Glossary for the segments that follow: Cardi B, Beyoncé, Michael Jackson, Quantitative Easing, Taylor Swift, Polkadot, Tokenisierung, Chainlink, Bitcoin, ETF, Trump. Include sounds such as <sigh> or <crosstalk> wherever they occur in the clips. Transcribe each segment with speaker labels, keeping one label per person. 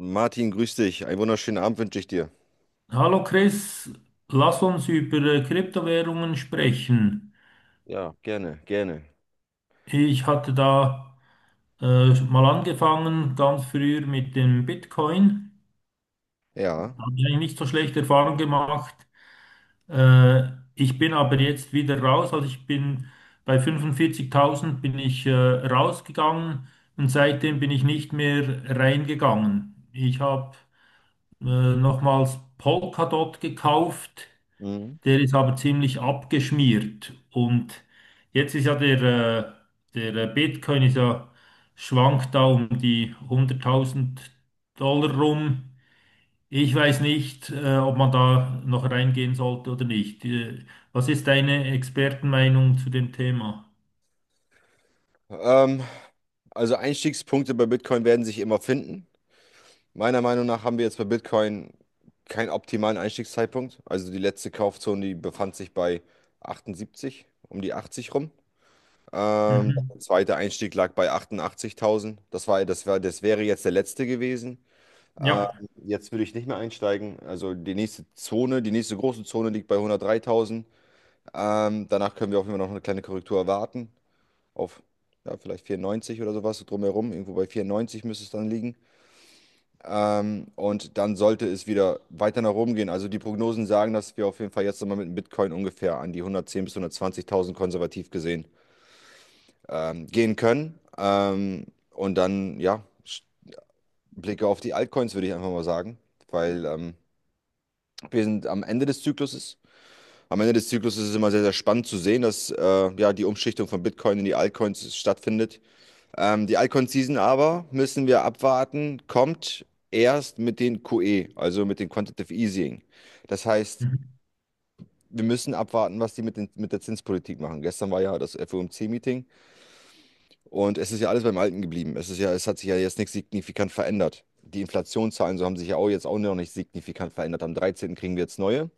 Speaker 1: Martin, grüß dich. Einen wunderschönen Abend wünsche ich dir.
Speaker 2: Hallo Chris, lass uns über Kryptowährungen sprechen.
Speaker 1: Ja, gerne, gerne.
Speaker 2: Ich hatte da mal angefangen, ganz früher mit dem Bitcoin.
Speaker 1: Ja.
Speaker 2: Habe ich eigentlich nicht so schlechte Erfahrungen gemacht. Äh, Ich bin aber jetzt wieder raus. Also ich bin bei 45.000 bin ich rausgegangen und seitdem bin ich nicht mehr reingegangen. Ich habe äh, nochmals Polkadot gekauft.
Speaker 1: Mhm.
Speaker 2: Der ist aber ziemlich abgeschmiert. Und jetzt ist ja der Bitcoin ist ja, schwankt da um die 100.000 Dollar rum. Ich weiß nicht, ob man da noch reingehen sollte oder nicht. Was ist deine Expertenmeinung zu dem Thema?
Speaker 1: Ähm, also Einstiegspunkte bei Bitcoin werden sich immer finden. Meiner Meinung nach haben wir jetzt bei Bitcoin keinen optimalen Einstiegszeitpunkt. Also die letzte Kaufzone, die befand sich bei 78, um die 80 rum.
Speaker 2: Mhm.
Speaker 1: Der zweite Einstieg lag bei 88.000. Das wäre jetzt der letzte gewesen. Ähm,
Speaker 2: Ja.
Speaker 1: Jetzt würde ich nicht mehr einsteigen. Also die nächste Zone, die nächste große Zone liegt bei 103.000. Danach können wir auch immer noch eine kleine Korrektur erwarten. Auf Ja, vielleicht 94 oder sowas, so drumherum. Irgendwo bei 94 müsste es dann liegen. Und dann sollte es wieder weiter nach oben gehen. Also die Prognosen sagen, dass wir auf jeden Fall jetzt nochmal mit dem Bitcoin ungefähr an die 110.000 bis 120.000 konservativ gesehen gehen können. Und dann, ja, Blicke auf die Altcoins, würde ich einfach mal sagen. Weil wir sind am Ende des Zykluses. Am Ende des Zyklus ist es immer sehr, sehr spannend zu sehen, dass ja, die Umschichtung von Bitcoin in die Altcoins stattfindet. Die Altcoin-Season aber, müssen wir abwarten, kommt erst mit den QE, also mit dem Quantitative Easing. Das heißt,
Speaker 2: Mhm.
Speaker 1: wir müssen abwarten, was die mit der Zinspolitik machen. Gestern war ja das FOMC-Meeting und es ist ja alles beim Alten geblieben. Es hat sich ja jetzt nichts signifikant verändert. Die Inflationszahlen, so haben sich ja auch jetzt auch noch nicht signifikant verändert. Am 13. kriegen wir jetzt neue.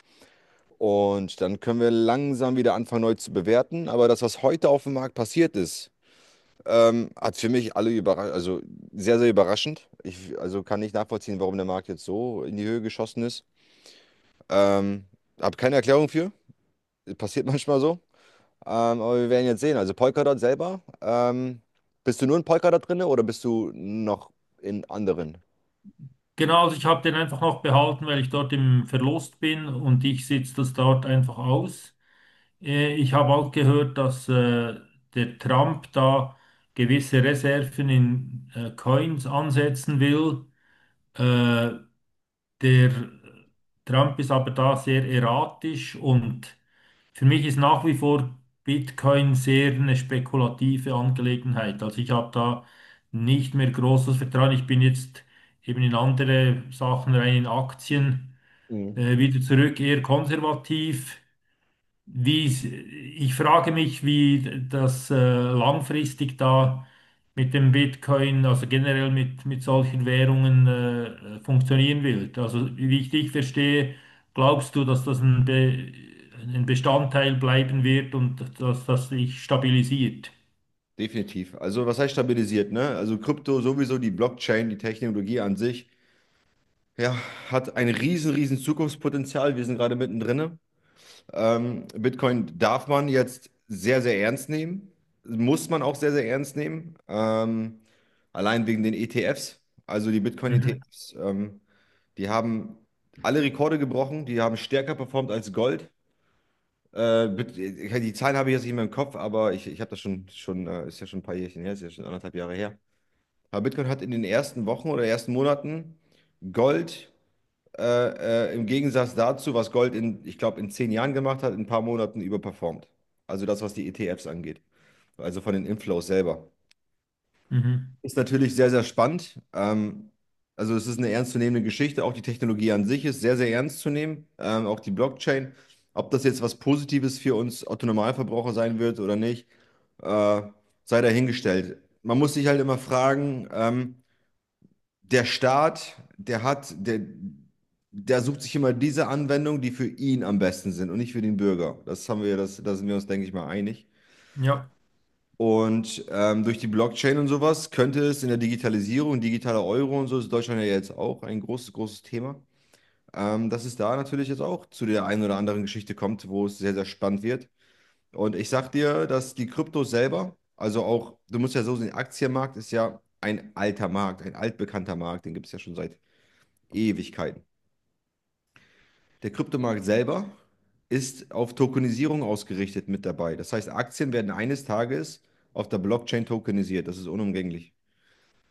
Speaker 1: Und dann können wir langsam wieder anfangen, neu zu bewerten. Aber das, was heute auf dem Markt passiert ist, hat für mich alle überrascht, also sehr, sehr überraschend. Also kann nicht nachvollziehen, warum der Markt jetzt so in die Höhe geschossen ist. Ähm, Habe keine Erklärung für. Passiert <laughs> manchmal so. Aber wir werden jetzt sehen. Also Polkadot selber, bist du nur in Polkadot drin oder bist du noch in anderen?
Speaker 2: Genau, also ich habe den einfach noch behalten, weil ich dort im Verlust bin und ich sitze das dort einfach aus. Ich habe auch gehört, dass der Trump da gewisse Reserven in Coins ansetzen will. Äh, Der Trump ist aber da sehr erratisch und für mich ist nach wie vor Bitcoin sehr eine spekulative Angelegenheit. Also ich habe da nicht mehr großes Vertrauen. Ich bin jetzt eben in andere Sachen rein, in Aktien,
Speaker 1: Mhm.
Speaker 2: wieder zurück, eher konservativ. Ich frage mich, wie das langfristig da mit dem Bitcoin, also generell mit solchen Währungen funktionieren wird. Also wie ich dich verstehe, glaubst du, dass das ein Bestandteil bleiben wird und dass das sich stabilisiert?
Speaker 1: Definitiv. Also was heißt stabilisiert, ne? Also Krypto sowieso, die Blockchain, die Technologie an sich ja, hat ein riesen, riesen Zukunftspotenzial. Wir sind gerade mittendrin. Bitcoin darf man jetzt sehr, sehr ernst nehmen. Muss man auch sehr, sehr ernst nehmen. Allein wegen den ETFs. Also die
Speaker 2: Mhm.
Speaker 1: Bitcoin-ETFs, die haben alle Rekorde gebrochen. Die haben stärker performt als Gold. Die Zahlen habe ich jetzt nicht mehr im Kopf, aber ich habe das schon, ist ja schon ein paar Jährchen her, ist ja schon anderthalb Jahre her. Aber Bitcoin hat in den ersten Wochen oder ersten Monaten Gold im Gegensatz dazu, was Gold in, ich glaube, in 10 Jahren gemacht hat, in ein paar Monaten überperformt. Also das, was die ETFs angeht. Also von den Inflows selber.
Speaker 2: Mhm.
Speaker 1: Ist natürlich sehr, sehr spannend. Also es ist eine ernstzunehmende Geschichte. Auch die Technologie an sich ist sehr, sehr ernst zu nehmen. Auch die Blockchain. Ob das jetzt was Positives für uns Autonormalverbraucher sein wird oder nicht, äh, sei dahingestellt. Man muss sich halt immer fragen, der Staat, der sucht sich immer diese Anwendungen, die für ihn am besten sind und nicht für den Bürger. Das haben wir, das, da sind wir uns, denke ich mal, einig.
Speaker 2: Ja,
Speaker 1: Und durch die Blockchain und sowas könnte es in der Digitalisierung, digitaler Euro und so, ist Deutschland ja jetzt auch ein großes, großes Thema, dass es da natürlich jetzt auch zu der einen oder anderen Geschichte kommt, wo es sehr, sehr spannend wird. Und ich sag dir, dass die Kryptos selber, also auch, du musst ja so sehen, Aktienmarkt ist ja ein alter Markt, ein altbekannter Markt, den gibt es ja schon seit Ewigkeiten. Der Kryptomarkt selber ist auf Tokenisierung ausgerichtet mit dabei. Das heißt, Aktien werden eines Tages auf der Blockchain tokenisiert. Das ist unumgänglich.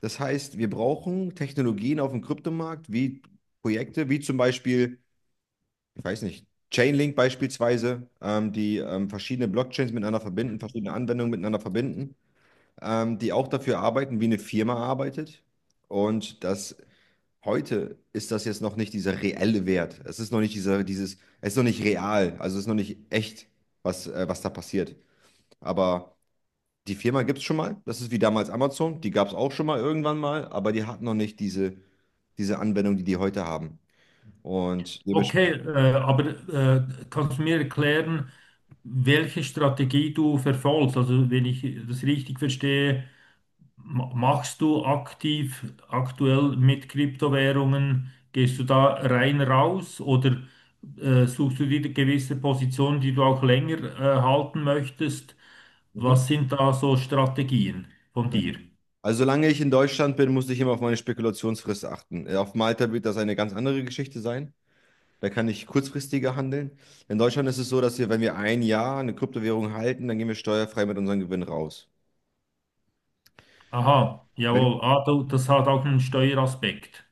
Speaker 1: Das heißt, wir brauchen Technologien auf dem Kryptomarkt wie Projekte, wie zum Beispiel, ich weiß nicht, Chainlink beispielsweise, die verschiedene Blockchains miteinander verbinden, verschiedene Anwendungen miteinander verbinden, die auch dafür arbeiten, wie eine Firma arbeitet. Und das heute ist das jetzt noch nicht dieser reelle Wert. Es ist noch nicht real, also es ist noch nicht echt, was da passiert. Aber die Firma gibt es schon mal. Das ist wie damals Amazon. Die gab es auch schon mal irgendwann mal, aber die hat noch nicht diese Anwendung, die die heute haben. Und
Speaker 2: okay,
Speaker 1: dementsprechend.
Speaker 2: aber kannst du mir erklären, welche Strategie du verfolgst? Also wenn ich das richtig verstehe, machst du aktiv aktuell mit Kryptowährungen? Gehst du da rein raus oder suchst du dir gewisse Positionen, die du auch länger halten möchtest?
Speaker 1: Mhm.
Speaker 2: Was sind da so Strategien von
Speaker 1: Ja.
Speaker 2: dir?
Speaker 1: Also solange ich in Deutschland bin, muss ich immer auf meine Spekulationsfrist achten. Auf Malta wird das eine ganz andere Geschichte sein. Da kann ich kurzfristiger handeln. In Deutschland ist es so, dass wir, wenn wir ein Jahr eine Kryptowährung halten, dann gehen wir steuerfrei mit unserem Gewinn raus.
Speaker 2: Aha,
Speaker 1: Wenn,
Speaker 2: jawohl. Ah, du, das hat auch einen Steueraspekt.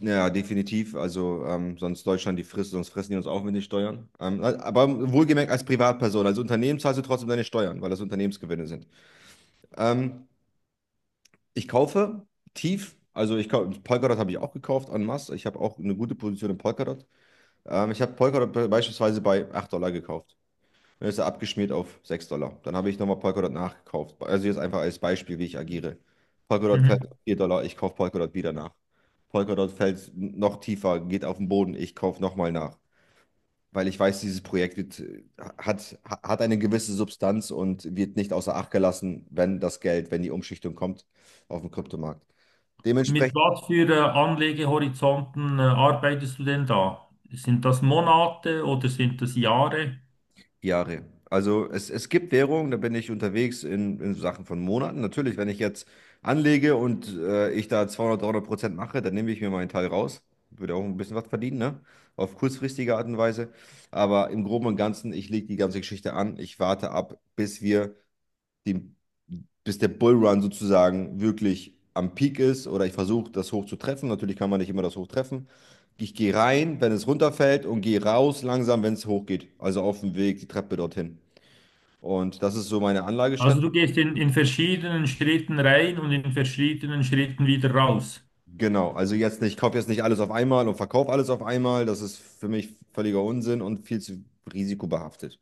Speaker 1: Ja, definitiv. Also sonst fressen die uns auf mit den Steuern. Aber wohlgemerkt als Privatperson, als Unternehmen zahlst du trotzdem deine Steuern, weil das Unternehmensgewinne sind. Ähm, Ich kaufe tief, Polkadot habe ich auch gekauft en masse. Ich habe auch eine gute Position in Polkadot. Ich habe Polkadot beispielsweise bei $8 gekauft. Dann ist er abgeschmiert auf $6. Dann habe ich nochmal Polkadot nachgekauft. Also jetzt einfach als Beispiel, wie ich agiere. Polkadot
Speaker 2: Mhm.
Speaker 1: fällt auf $4, ich kaufe Polkadot wieder nach. Polkadot fällt noch tiefer, geht auf den Boden, ich kaufe nochmal nach. Weil ich weiß, dieses Projekt hat eine gewisse Substanz und wird nicht außer Acht gelassen, wenn das Geld, wenn die Umschichtung kommt auf dem Kryptomarkt.
Speaker 2: Mit
Speaker 1: Dementsprechend
Speaker 2: was für Anlegehorizonten arbeitest du denn da? Sind das Monate oder sind das Jahre?
Speaker 1: Jahre. Also es gibt Währungen, da bin ich unterwegs in, so Sachen von Monaten. Natürlich, wenn ich jetzt anlege und ich da 200, 300% mache, dann nehme ich mir meinen Teil raus. Würde auch ein bisschen was verdienen, ne? Auf kurzfristige Art und Weise. Aber im Groben und Ganzen, ich lege die ganze Geschichte an. Ich warte ab, den, bis der Bullrun sozusagen wirklich am Peak ist oder ich versuche das hoch zu treffen. Natürlich kann man nicht immer das hoch treffen. Ich gehe rein, wenn es runterfällt und gehe raus langsam, wenn es hochgeht. Also auf dem Weg, die Treppe dorthin. Und das ist so meine
Speaker 2: Also
Speaker 1: Anlagestrategie.
Speaker 2: du gehst in verschiedenen Schritten rein und in verschiedenen Schritten wieder raus.
Speaker 1: Genau, also jetzt nicht, ich kaufe jetzt nicht alles auf einmal und verkaufe alles auf einmal. Das ist für mich völliger Unsinn und viel zu risikobehaftet.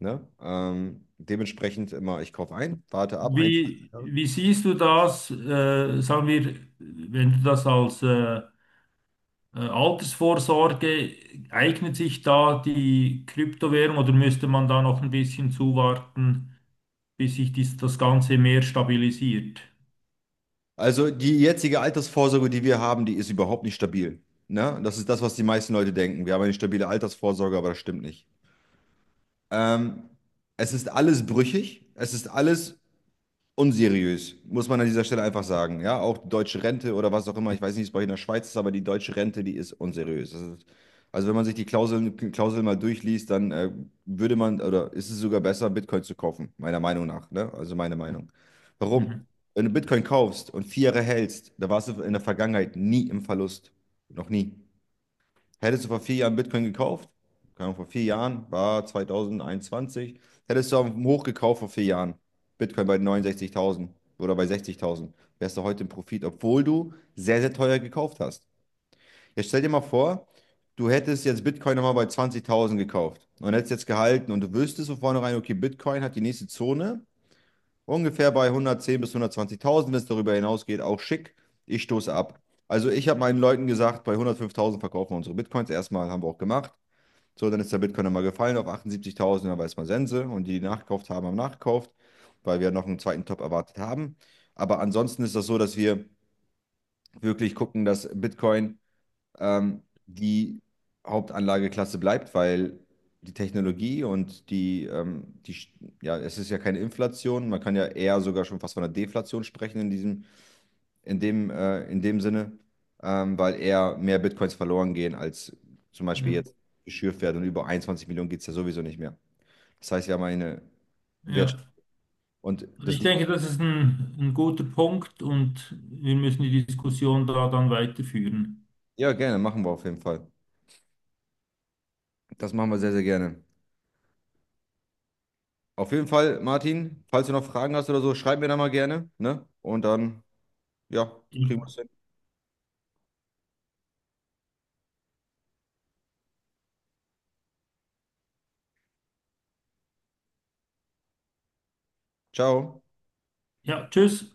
Speaker 1: Ne? Dementsprechend immer, ich kaufe ein, warte ab, ein, zwei
Speaker 2: Wie,
Speaker 1: Jahre.
Speaker 2: wie siehst du das, sagen wir, wenn du das als Altersvorsorge, eignet sich da die Kryptowährung oder müsste man da noch ein bisschen zuwarten, bis sich das Ganze mehr stabilisiert?
Speaker 1: Also die jetzige Altersvorsorge, die wir haben, die ist überhaupt nicht stabil. Ne? Das ist das, was die meisten Leute denken. Wir haben eine stabile Altersvorsorge, aber das stimmt nicht. Ähm, Es ist alles brüchig, es ist alles unseriös, muss man an dieser Stelle einfach sagen. Ja, auch die deutsche Rente oder was auch immer, ich weiß nicht, wie es bei euch in der Schweiz ist, aber die deutsche Rente, die ist unseriös. Das ist, also wenn man sich die Klauseln mal durchliest, dann würde man, oder ist es sogar besser, Bitcoin zu kaufen, meiner Meinung nach. Ne? Also meine Meinung. Warum?
Speaker 2: Mhm.
Speaker 1: Wenn du Bitcoin kaufst und 4 Jahre hältst, da warst du in der Vergangenheit nie im Verlust. Noch nie. Hättest du vor 4 Jahren Bitcoin gekauft, keine Ahnung, vor 4 Jahren, war 2021, hättest du am Hoch gekauft vor 4 Jahren, Bitcoin bei 69.000 oder bei 60.000, wärst du heute im Profit, obwohl du sehr, sehr teuer gekauft hast. Jetzt stell dir mal vor, du hättest jetzt Bitcoin nochmal bei 20.000 gekauft und hättest jetzt gehalten und du wüsstest von vornherein, okay, Bitcoin hat die nächste Zone ungefähr bei 110 bis 120.000, wenn es darüber hinausgeht, auch schick. Ich stoße ab. Also ich habe meinen Leuten gesagt, bei 105.000 verkaufen wir unsere Bitcoins. Erstmal haben wir auch gemacht. So, dann ist der Bitcoin mal gefallen auf 78.000, dann weiß man Sense. Und die, die nachgekauft haben, haben nachgekauft, weil wir noch einen zweiten Top erwartet haben. Aber ansonsten ist das so, dass wir wirklich gucken, dass Bitcoin die Hauptanlageklasse bleibt, weil die Technologie und ja, es ist ja keine Inflation, man kann ja eher sogar schon fast von einer Deflation sprechen in dem Sinne, weil eher mehr Bitcoins verloren gehen, als zum Beispiel
Speaker 2: Ja.
Speaker 1: jetzt geschürft werden und über 21 Millionen geht es ja sowieso nicht mehr. Das heißt ja, meine Wertschöpfung
Speaker 2: Ja.
Speaker 1: und
Speaker 2: Also
Speaker 1: das,
Speaker 2: ich denke, das ist ein guter Punkt und wir müssen die Diskussion da dann weiterführen.
Speaker 1: ja, gerne, machen wir auf jeden Fall. Das machen wir sehr, sehr gerne. Auf jeden Fall, Martin, falls du noch Fragen hast oder so, schreib mir da mal gerne, ne? Und dann, ja, kriegen wir es hin. Ciao.
Speaker 2: Ja, tschüss.